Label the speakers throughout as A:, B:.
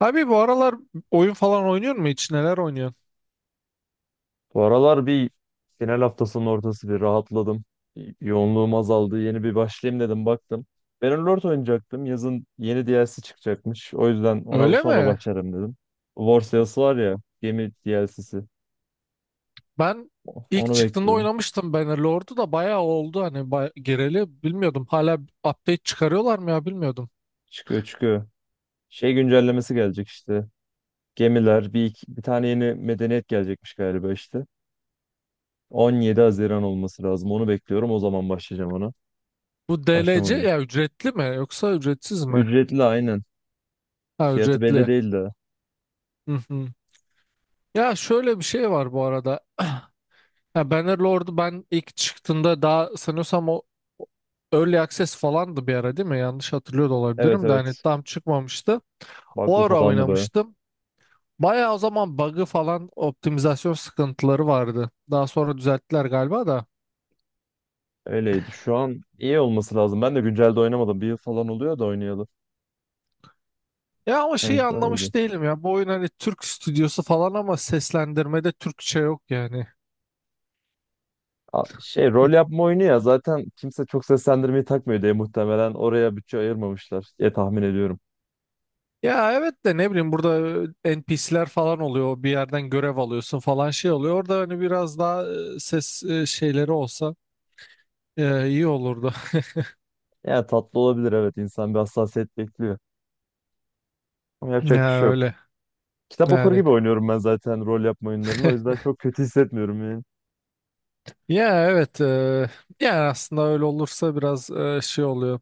A: Abi bu aralar oyun falan oynuyor mu hiç? Neler oynuyor?
B: Bu aralar bir final haftasının ortası bir rahatladım. Yoğunluğum azaldı. Yeni bir başlayayım dedim baktım. Bannerlord oynayacaktım. Yazın yeni DLC çıkacakmış. O yüzden ona
A: Öyle
B: sonra
A: mi?
B: başlarım dedim. War Sales'ı var ya gemi DLC'si.
A: Ben ilk
B: Onu
A: çıktığında
B: bekliyorum.
A: oynamıştım Bannerlord'u, da bayağı oldu hani bay gireli bilmiyordum. Hala update çıkarıyorlar mı ya bilmiyordum.
B: Çıkıyor çıkıyor. Şey güncellemesi gelecek işte. Gemiler bir, bir tane yeni medeniyet gelecekmiş galiba işte. 17 Haziran olması lazım. Onu bekliyorum. O zaman başlayacağım ona.
A: Bu DLC
B: Başlamadım.
A: ya ücretli mi yoksa ücretsiz mi?
B: Ücretli aynen.
A: Ha,
B: Fiyatı belli
A: ücretli.
B: değil de.
A: Hı hı. Ya şöyle bir şey var bu arada. Ha, Bannerlord'u ben ilk çıktığında daha sanıyorsam o Early Access falandı bir ara değil mi? Yanlış hatırlıyor da
B: Evet
A: olabilirim de hani
B: evet.
A: tam çıkmamıştı. O
B: Baklı
A: ara
B: falandı baya.
A: oynamıştım. Bayağı o zaman bug'ı falan optimizasyon sıkıntıları vardı. Daha sonra düzelttiler galiba da.
B: Öyleydi. Şu an iyi olması lazım. Ben de güncelde oynamadım. Bir yıl falan oluyor da oynayalı.
A: Ya ama
B: En
A: şeyi
B: son iyiydi.
A: anlamış değilim ya. Bu oyun hani Türk stüdyosu falan ama seslendirmede Türkçe yok yani.
B: Şey rol yapma oyunu ya zaten kimse çok seslendirmeyi takmıyor diye muhtemelen oraya bütçe ayırmamışlar diye tahmin ediyorum.
A: Ya evet de ne bileyim burada NPC'ler falan oluyor. Bir yerden görev alıyorsun falan şey oluyor. Orada hani biraz daha ses şeyleri olsa ya, iyi olurdu.
B: Yani tatlı olabilir, evet, insan bir hassasiyet bekliyor. Ama yapacak bir
A: Ya
B: şey yok.
A: öyle.
B: Kitap okur
A: Yani.
B: gibi oynuyorum ben zaten rol yapma oyunlarını, o yüzden çok kötü hissetmiyorum yani.
A: Ya evet. Yani aslında öyle olursa biraz şey oluyor.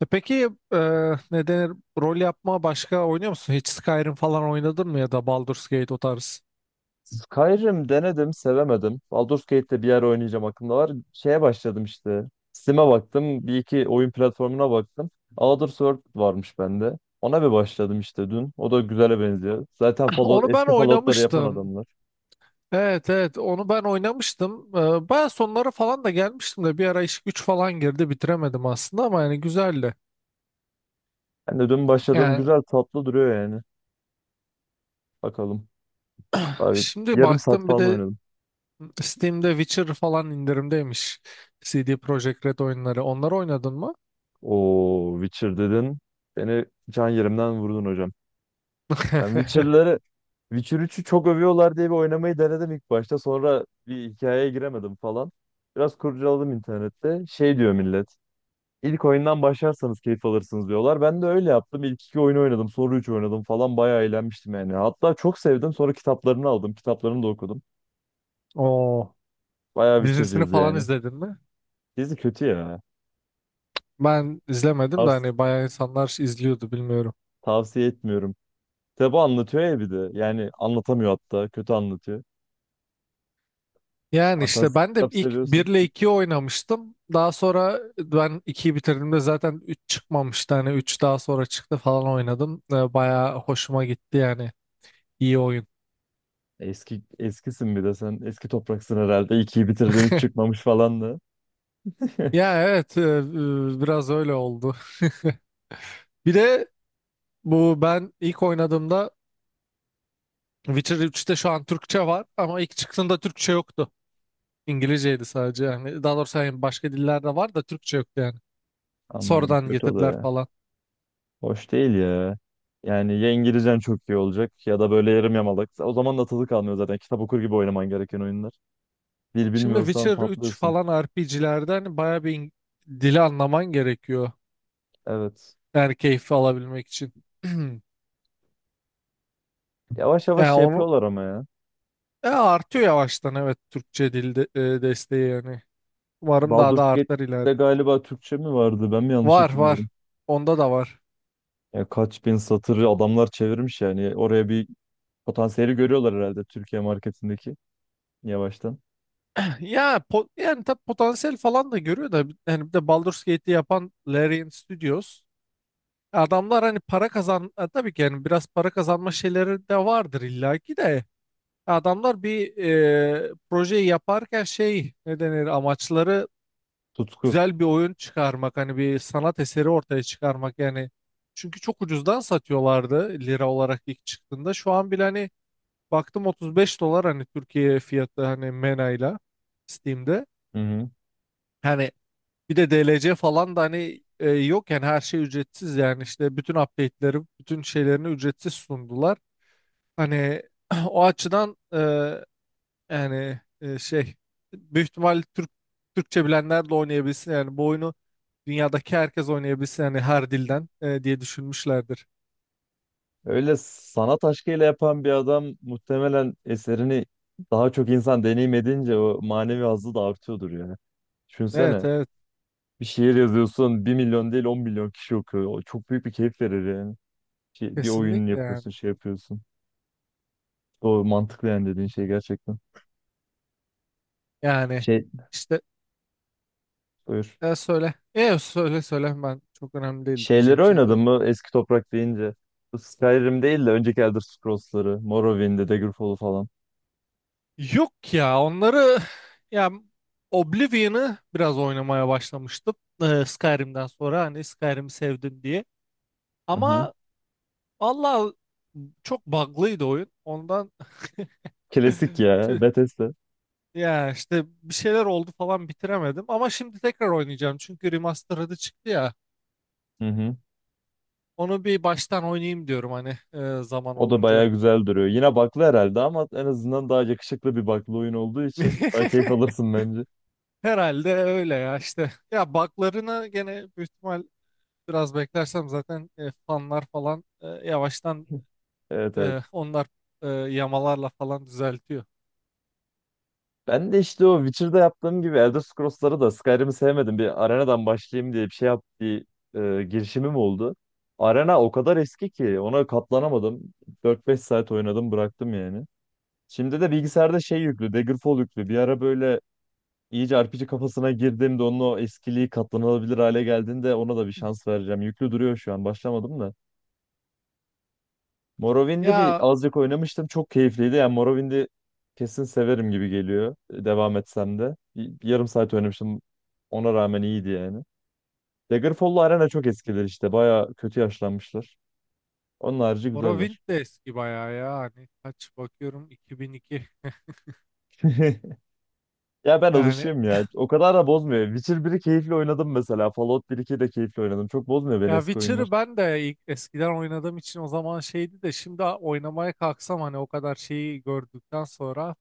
A: Peki ne denir? Rol yapma başka oynuyor musun? Hiç Skyrim falan oynadın mı ya da Baldur's Gate o tarz?
B: Skyrim denedim, sevemedim. Baldur's Gate'de bir yer oynayacağım aklımda var. Şeye başladım işte. Steam'e baktım. Bir iki oyun platformuna baktım. Elder Sword varmış bende. Ona bir başladım işte dün. O da güzele benziyor. Zaten Fallout,
A: Onu ben
B: eski Fallout'ları yapan
A: oynamıştım.
B: adamlar.
A: Evet, evet, onu ben oynamıştım. Baya sonlara falan da gelmiştim de bir ara iş güç falan girdi bitiremedim aslında ama yani güzeldi.
B: Ben de dün başladım.
A: Yani
B: Güzel, tatlı duruyor yani. Bakalım. Abi,
A: şimdi
B: yarım saat
A: baktım bir
B: falan
A: de
B: oynadım.
A: Steam'de Witcher falan indirimdeymiş. CD Projekt Red oyunları. Onları oynadın mı?
B: O Witcher dedin. Beni can yerimden vurdun hocam. Yani Witcher'ları Witcher üçü çok övüyorlar diye bir oynamayı denedim ilk başta. Sonra bir hikayeye giremedim falan. Biraz kurcaladım internette. Şey diyor millet. İlk oyundan başlarsanız keyif alırsınız diyorlar. Ben de öyle yaptım. İlk iki oyunu oynadım. Sonra üç oynadım falan. Bayağı eğlenmiştim yani. Hatta çok sevdim. Sonra kitaplarını aldım. Kitaplarını da okudum.
A: Oo.
B: Bayağı
A: Dizisini
B: Witcher'cıyız
A: falan
B: yani.
A: izledin mi?
B: Dizi kötü ya.
A: Ben izlemedim de
B: Tavs-
A: hani bayağı insanlar izliyordu bilmiyorum.
B: tavsiye etmiyorum. Kitabı anlatıyor ya bir de. Yani anlatamıyor hatta. Kötü anlatıyor.
A: Yani işte
B: Fantastik
A: ben de
B: kitap
A: ilk
B: seviyorsan.
A: 1 ile 2'yi oynamıştım. Daha sonra ben 2'yi bitirdiğimde zaten 3 çıkmamıştı. Hani 3 daha sonra çıktı falan oynadım. Bayağı hoşuma gitti yani. İyi oyun.
B: Eski eskisin bir de sen. Eski topraksın herhalde. İkiyi bitirdin, üç çıkmamış falan da.
A: Ya evet, biraz öyle oldu. Bir de bu ben ilk oynadığımda Witcher 3'te şu an Türkçe var ama ilk çıktığında Türkçe yoktu. İngilizceydi sadece yani. Daha doğrusu yani başka dillerde var da Türkçe yoktu yani.
B: Anladım.
A: Sonradan
B: Kötü o da
A: getirdiler
B: ya.
A: falan.
B: Hoş değil ya. Yani ya İngilizcen çok iyi olacak ya da böyle yarım yamalak. O zaman da tadı kalmıyor zaten. Kitap okur gibi oynaman gereken oyunlar. Dil
A: Şimdi
B: bilmiyorsan
A: Witcher üç
B: patlıyorsun.
A: falan RPG'lerde hani bayağı bir dili anlaman gerekiyor.
B: Evet.
A: Yani keyfi alabilmek için.
B: Yavaş yavaş
A: Yani
B: şey
A: onu
B: yapıyorlar ama ya.
A: artıyor yavaştan, evet Türkçe dilde desteği yani. Umarım daha
B: Baldur's
A: da artar
B: Gate'de
A: ileride.
B: galiba Türkçe mi vardı? Ben mi yanlış
A: Var, var.
B: hatırlıyorum?
A: Onda da var.
B: Ya kaç bin satırı adamlar çevirmiş yani. Oraya bir potansiyeli görüyorlar herhalde, Türkiye marketindeki, yavaştan.
A: Ya yani tabii potansiyel falan da görüyor da yani bir de Baldur's Gate'i yapan Larian Studios adamlar hani para kazan tabii ki yani biraz para kazanma şeyleri de vardır illaki de adamlar bir projeyi yaparken şey ne denir amaçları
B: Tutku.
A: güzel bir oyun çıkarmak hani bir sanat eseri ortaya çıkarmak yani çünkü çok ucuzdan satıyorlardı lira olarak ilk çıktığında şu an bile hani baktım 35 dolar hani Türkiye fiyatı hani MENA'yla Steam'de.
B: Hı hı.
A: Hani bir de DLC falan da hani yok yani her şey ücretsiz yani işte bütün update'leri, bütün şeylerini ücretsiz sundular. Hani o açıdan yani şey büyük ihtimal Türkçe bilenler de oynayabilsin yani bu oyunu dünyadaki herkes oynayabilsin yani her dilden diye düşünmüşlerdir.
B: Öyle sanat aşkıyla yapan bir adam muhtemelen eserini daha çok insan deneyim edince o manevi hazzı da artıyordur ya.
A: Evet,
B: Düşünsene,
A: evet,
B: bir şiir yazıyorsun, bir milyon değil 10 milyon kişi okuyor. O çok büyük bir keyif verir yani. Şey, bir oyun
A: kesinlikle yani.
B: yapıyorsun, şey yapıyorsun. Doğru, mantıklı yani dediğin şey gerçekten.
A: Yani
B: Şey,
A: işte,
B: buyur.
A: söyle. Söyle söyle, ben çok önemli değil
B: Şeyleri
A: diyeceğim şey
B: oynadın
A: zaten.
B: mı eski toprak deyince? Bu Skyrim değil de önceki Elder Scrolls'ları. Morrowind'i, Daggerfall'u falan.
A: Yok ya, onları ya Oblivion'ı biraz oynamaya başlamıştım. Skyrim'den sonra hani Skyrim'i sevdim diye.
B: Hı hı.
A: Ama Allah çok bug'lıydı oyun. Ondan
B: Klasik ya,
A: tüh,
B: Bethesda.
A: ya işte bir şeyler oldu falan bitiremedim. Ama şimdi tekrar oynayacağım. Çünkü remastered'ı çıktı ya.
B: Hı hı.
A: Onu bir baştan oynayayım diyorum hani zaman
B: O da
A: olunca.
B: bayağı güzel duruyor. Yine baklı herhalde ama en azından daha yakışıklı bir baklı oyun olduğu için daha keyif alırsın bence.
A: Herhalde öyle ya işte. Ya bug'larını gene büyük ihtimal biraz beklersem zaten fanlar falan yavaştan
B: Evet evet.
A: onlar yamalarla falan düzeltiyor.
B: Ben de işte o Witcher'da yaptığım gibi Elder Scrolls'ları da, Skyrim'i sevmedim. Bir arenadan başlayayım diye bir şey yap bir girişimim oldu. Arena o kadar eski ki ona katlanamadım. 4-5 saat oynadım, bıraktım yani. Şimdi de bilgisayarda şey yüklü, Daggerfall yüklü. Bir ara böyle iyice RPG kafasına girdiğimde, onun o eskiliği katlanılabilir hale geldiğinde ona da bir şans vereceğim. Yüklü duruyor şu an, başlamadım da. Morrowind'i bir
A: Ya
B: azıcık oynamıştım. Çok keyifliydi. Yani Morrowind'i kesin severim gibi geliyor. Devam etsem de. Bir yarım saat oynamıştım. Ona rağmen iyiydi yani. Daggerfall'la Arena çok eskiler işte. Baya kötü yaşlanmışlar. Onun harici
A: Morrowind
B: güzeller.
A: de eski bayağı ya. Hani kaç bakıyorum, 2002.
B: Ya ben
A: Yani
B: alışığım ya. O kadar da bozmuyor. Witcher biri keyifli oynadım mesela. Fallout bir iki de keyifli oynadım. Çok bozmuyor beni
A: ya
B: eski oyunlar.
A: Witcher'ı ben de ilk eskiden oynadığım için o zaman şeydi de şimdi oynamaya kalksam hani o kadar şeyi gördükten sonra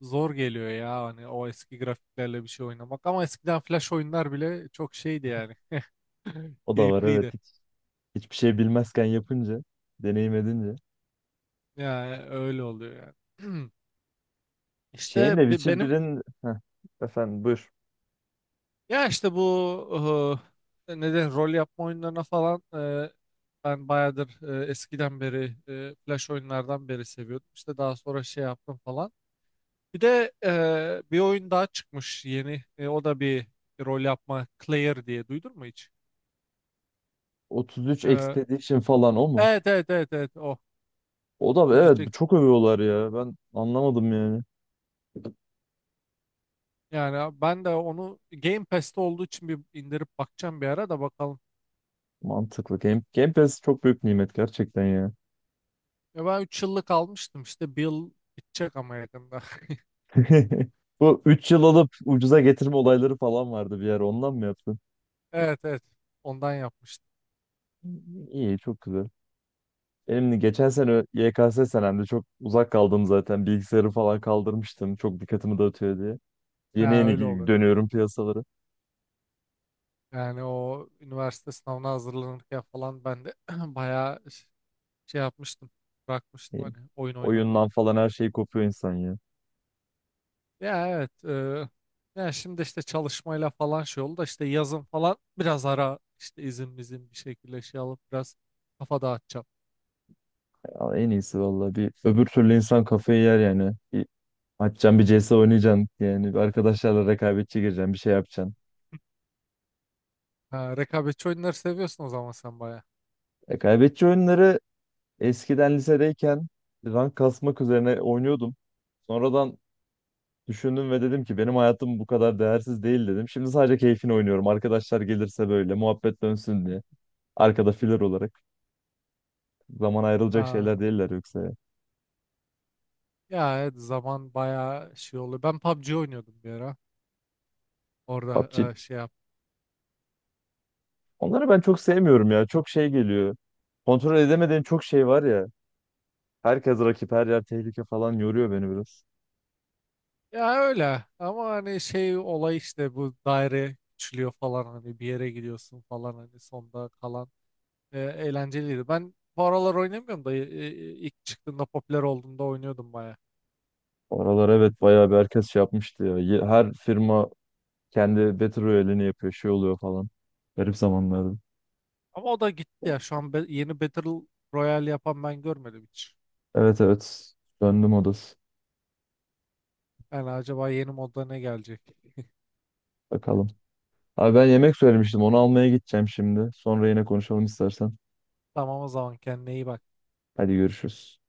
A: zor geliyor ya hani o eski grafiklerle bir şey oynamak, ama eskiden flash oyunlar bile çok şeydi yani
B: O da var, evet.
A: keyifliydi.
B: Hiçbir şey bilmezken yapınca, deneyim edince.
A: Yani öyle oluyor yani.
B: Şeyin de
A: İşte
B: Witcher
A: benim.
B: birin. Heh, efendim, buyur.
A: Ya işte bu ne de rol yapma oyunlarına falan ben bayağıdır eskiden beri flash oyunlardan beri seviyordum. İşte daha sonra şey yaptım falan. Bir de bir oyun daha çıkmış yeni. O da bir rol yapma Clair diye duydun mu hiç?
B: 33
A: E,
B: Expedition falan o mu?
A: evet evet, evet, evet, o
B: O da
A: 33 X.
B: evet, çok övüyorlar ya. Ben anlamadım yani.
A: Yani ben de onu Game Pass'te olduğu için bir indirip bakacağım, bir ara da bakalım.
B: Mantıklı. Game Pass çok büyük nimet gerçekten ya.
A: Ya ben 3 yıllık almıştım işte, bir yıl bitecek ama yakında.
B: Bu 3 yıl alıp ucuza getirme olayları falan vardı bir yer. Ondan mı yaptın?
A: Evet, evet, ondan yapmıştım.
B: İyi, çok güzel. Benim de geçen sene YKS senemde çok uzak kaldım zaten. Bilgisayarı falan kaldırmıştım. Çok dikkatimi dağıtıyor diye. Yeni
A: Ha,
B: yeni
A: öyle oluyor.
B: dönüyorum piyasalara.
A: Yani o üniversite sınavına hazırlanırken falan ben de bayağı şey yapmıştım. Bırakmıştım
B: İyi.
A: hani oyun oynamayı.
B: Oyundan falan her şey kopuyor insan ya.
A: Ya evet. Yani şimdi işte çalışmayla falan şey oldu da işte yazın falan biraz ara işte izin mizin bir şekilde şey alıp biraz kafa dağıtacağım.
B: Ya en iyisi vallahi, bir öbür türlü insan kafayı yer yani. Açacaksın bir CS oynayacaksın. Yani bir arkadaşlarla rekabetçi gireceksin. Bir şey yapacaksın.
A: Ha, rekabetçi oyunları seviyorsun o zaman sen bayağı.
B: Rekabetçi oyunları eskiden lisedeyken rank kasmak üzerine oynuyordum. Sonradan düşündüm ve dedim ki benim hayatım bu kadar değersiz değil dedim. Şimdi sadece keyfini oynuyorum. Arkadaşlar gelirse böyle muhabbet dönsün diye. Arkada filler olarak. Zaman ayrılacak
A: Aa,
B: şeyler değiller yoksa ya.
A: ya evet, zaman bayağı şey oluyor. Ben PUBG oynuyordum bir ara. Orada
B: PUBG.
A: şey yap.
B: Onları ben çok sevmiyorum ya. Çok şey geliyor. Kontrol edemediğin çok şey var ya. Herkes rakip, her yer tehlike falan, yoruyor beni biraz.
A: Ya öyle ama hani şey olay işte bu daire küçülüyor falan hani bir yere gidiyorsun falan hani sonda kalan eğlenceliydi. Ben bu aralar oynamıyorum da ilk çıktığında popüler olduğunda oynuyordum baya.
B: Oralar evet bayağı bir herkes şey yapmıştı ya. Her firma kendi Battle Royale'ini yapıyor, şey oluyor falan. Garip zamanlardı.
A: Ama o da gitti ya şu an, yeni Battle Royale yapan ben görmedim hiç.
B: Evet evet. Döndüm odası.
A: Yani acaba yeni modda ne gelecek?
B: Bakalım. Abi, ben yemek söylemiştim. Onu almaya gideceğim şimdi. Sonra yine konuşalım istersen.
A: Tamam, o zaman kendine iyi bak.
B: Hadi görüşürüz.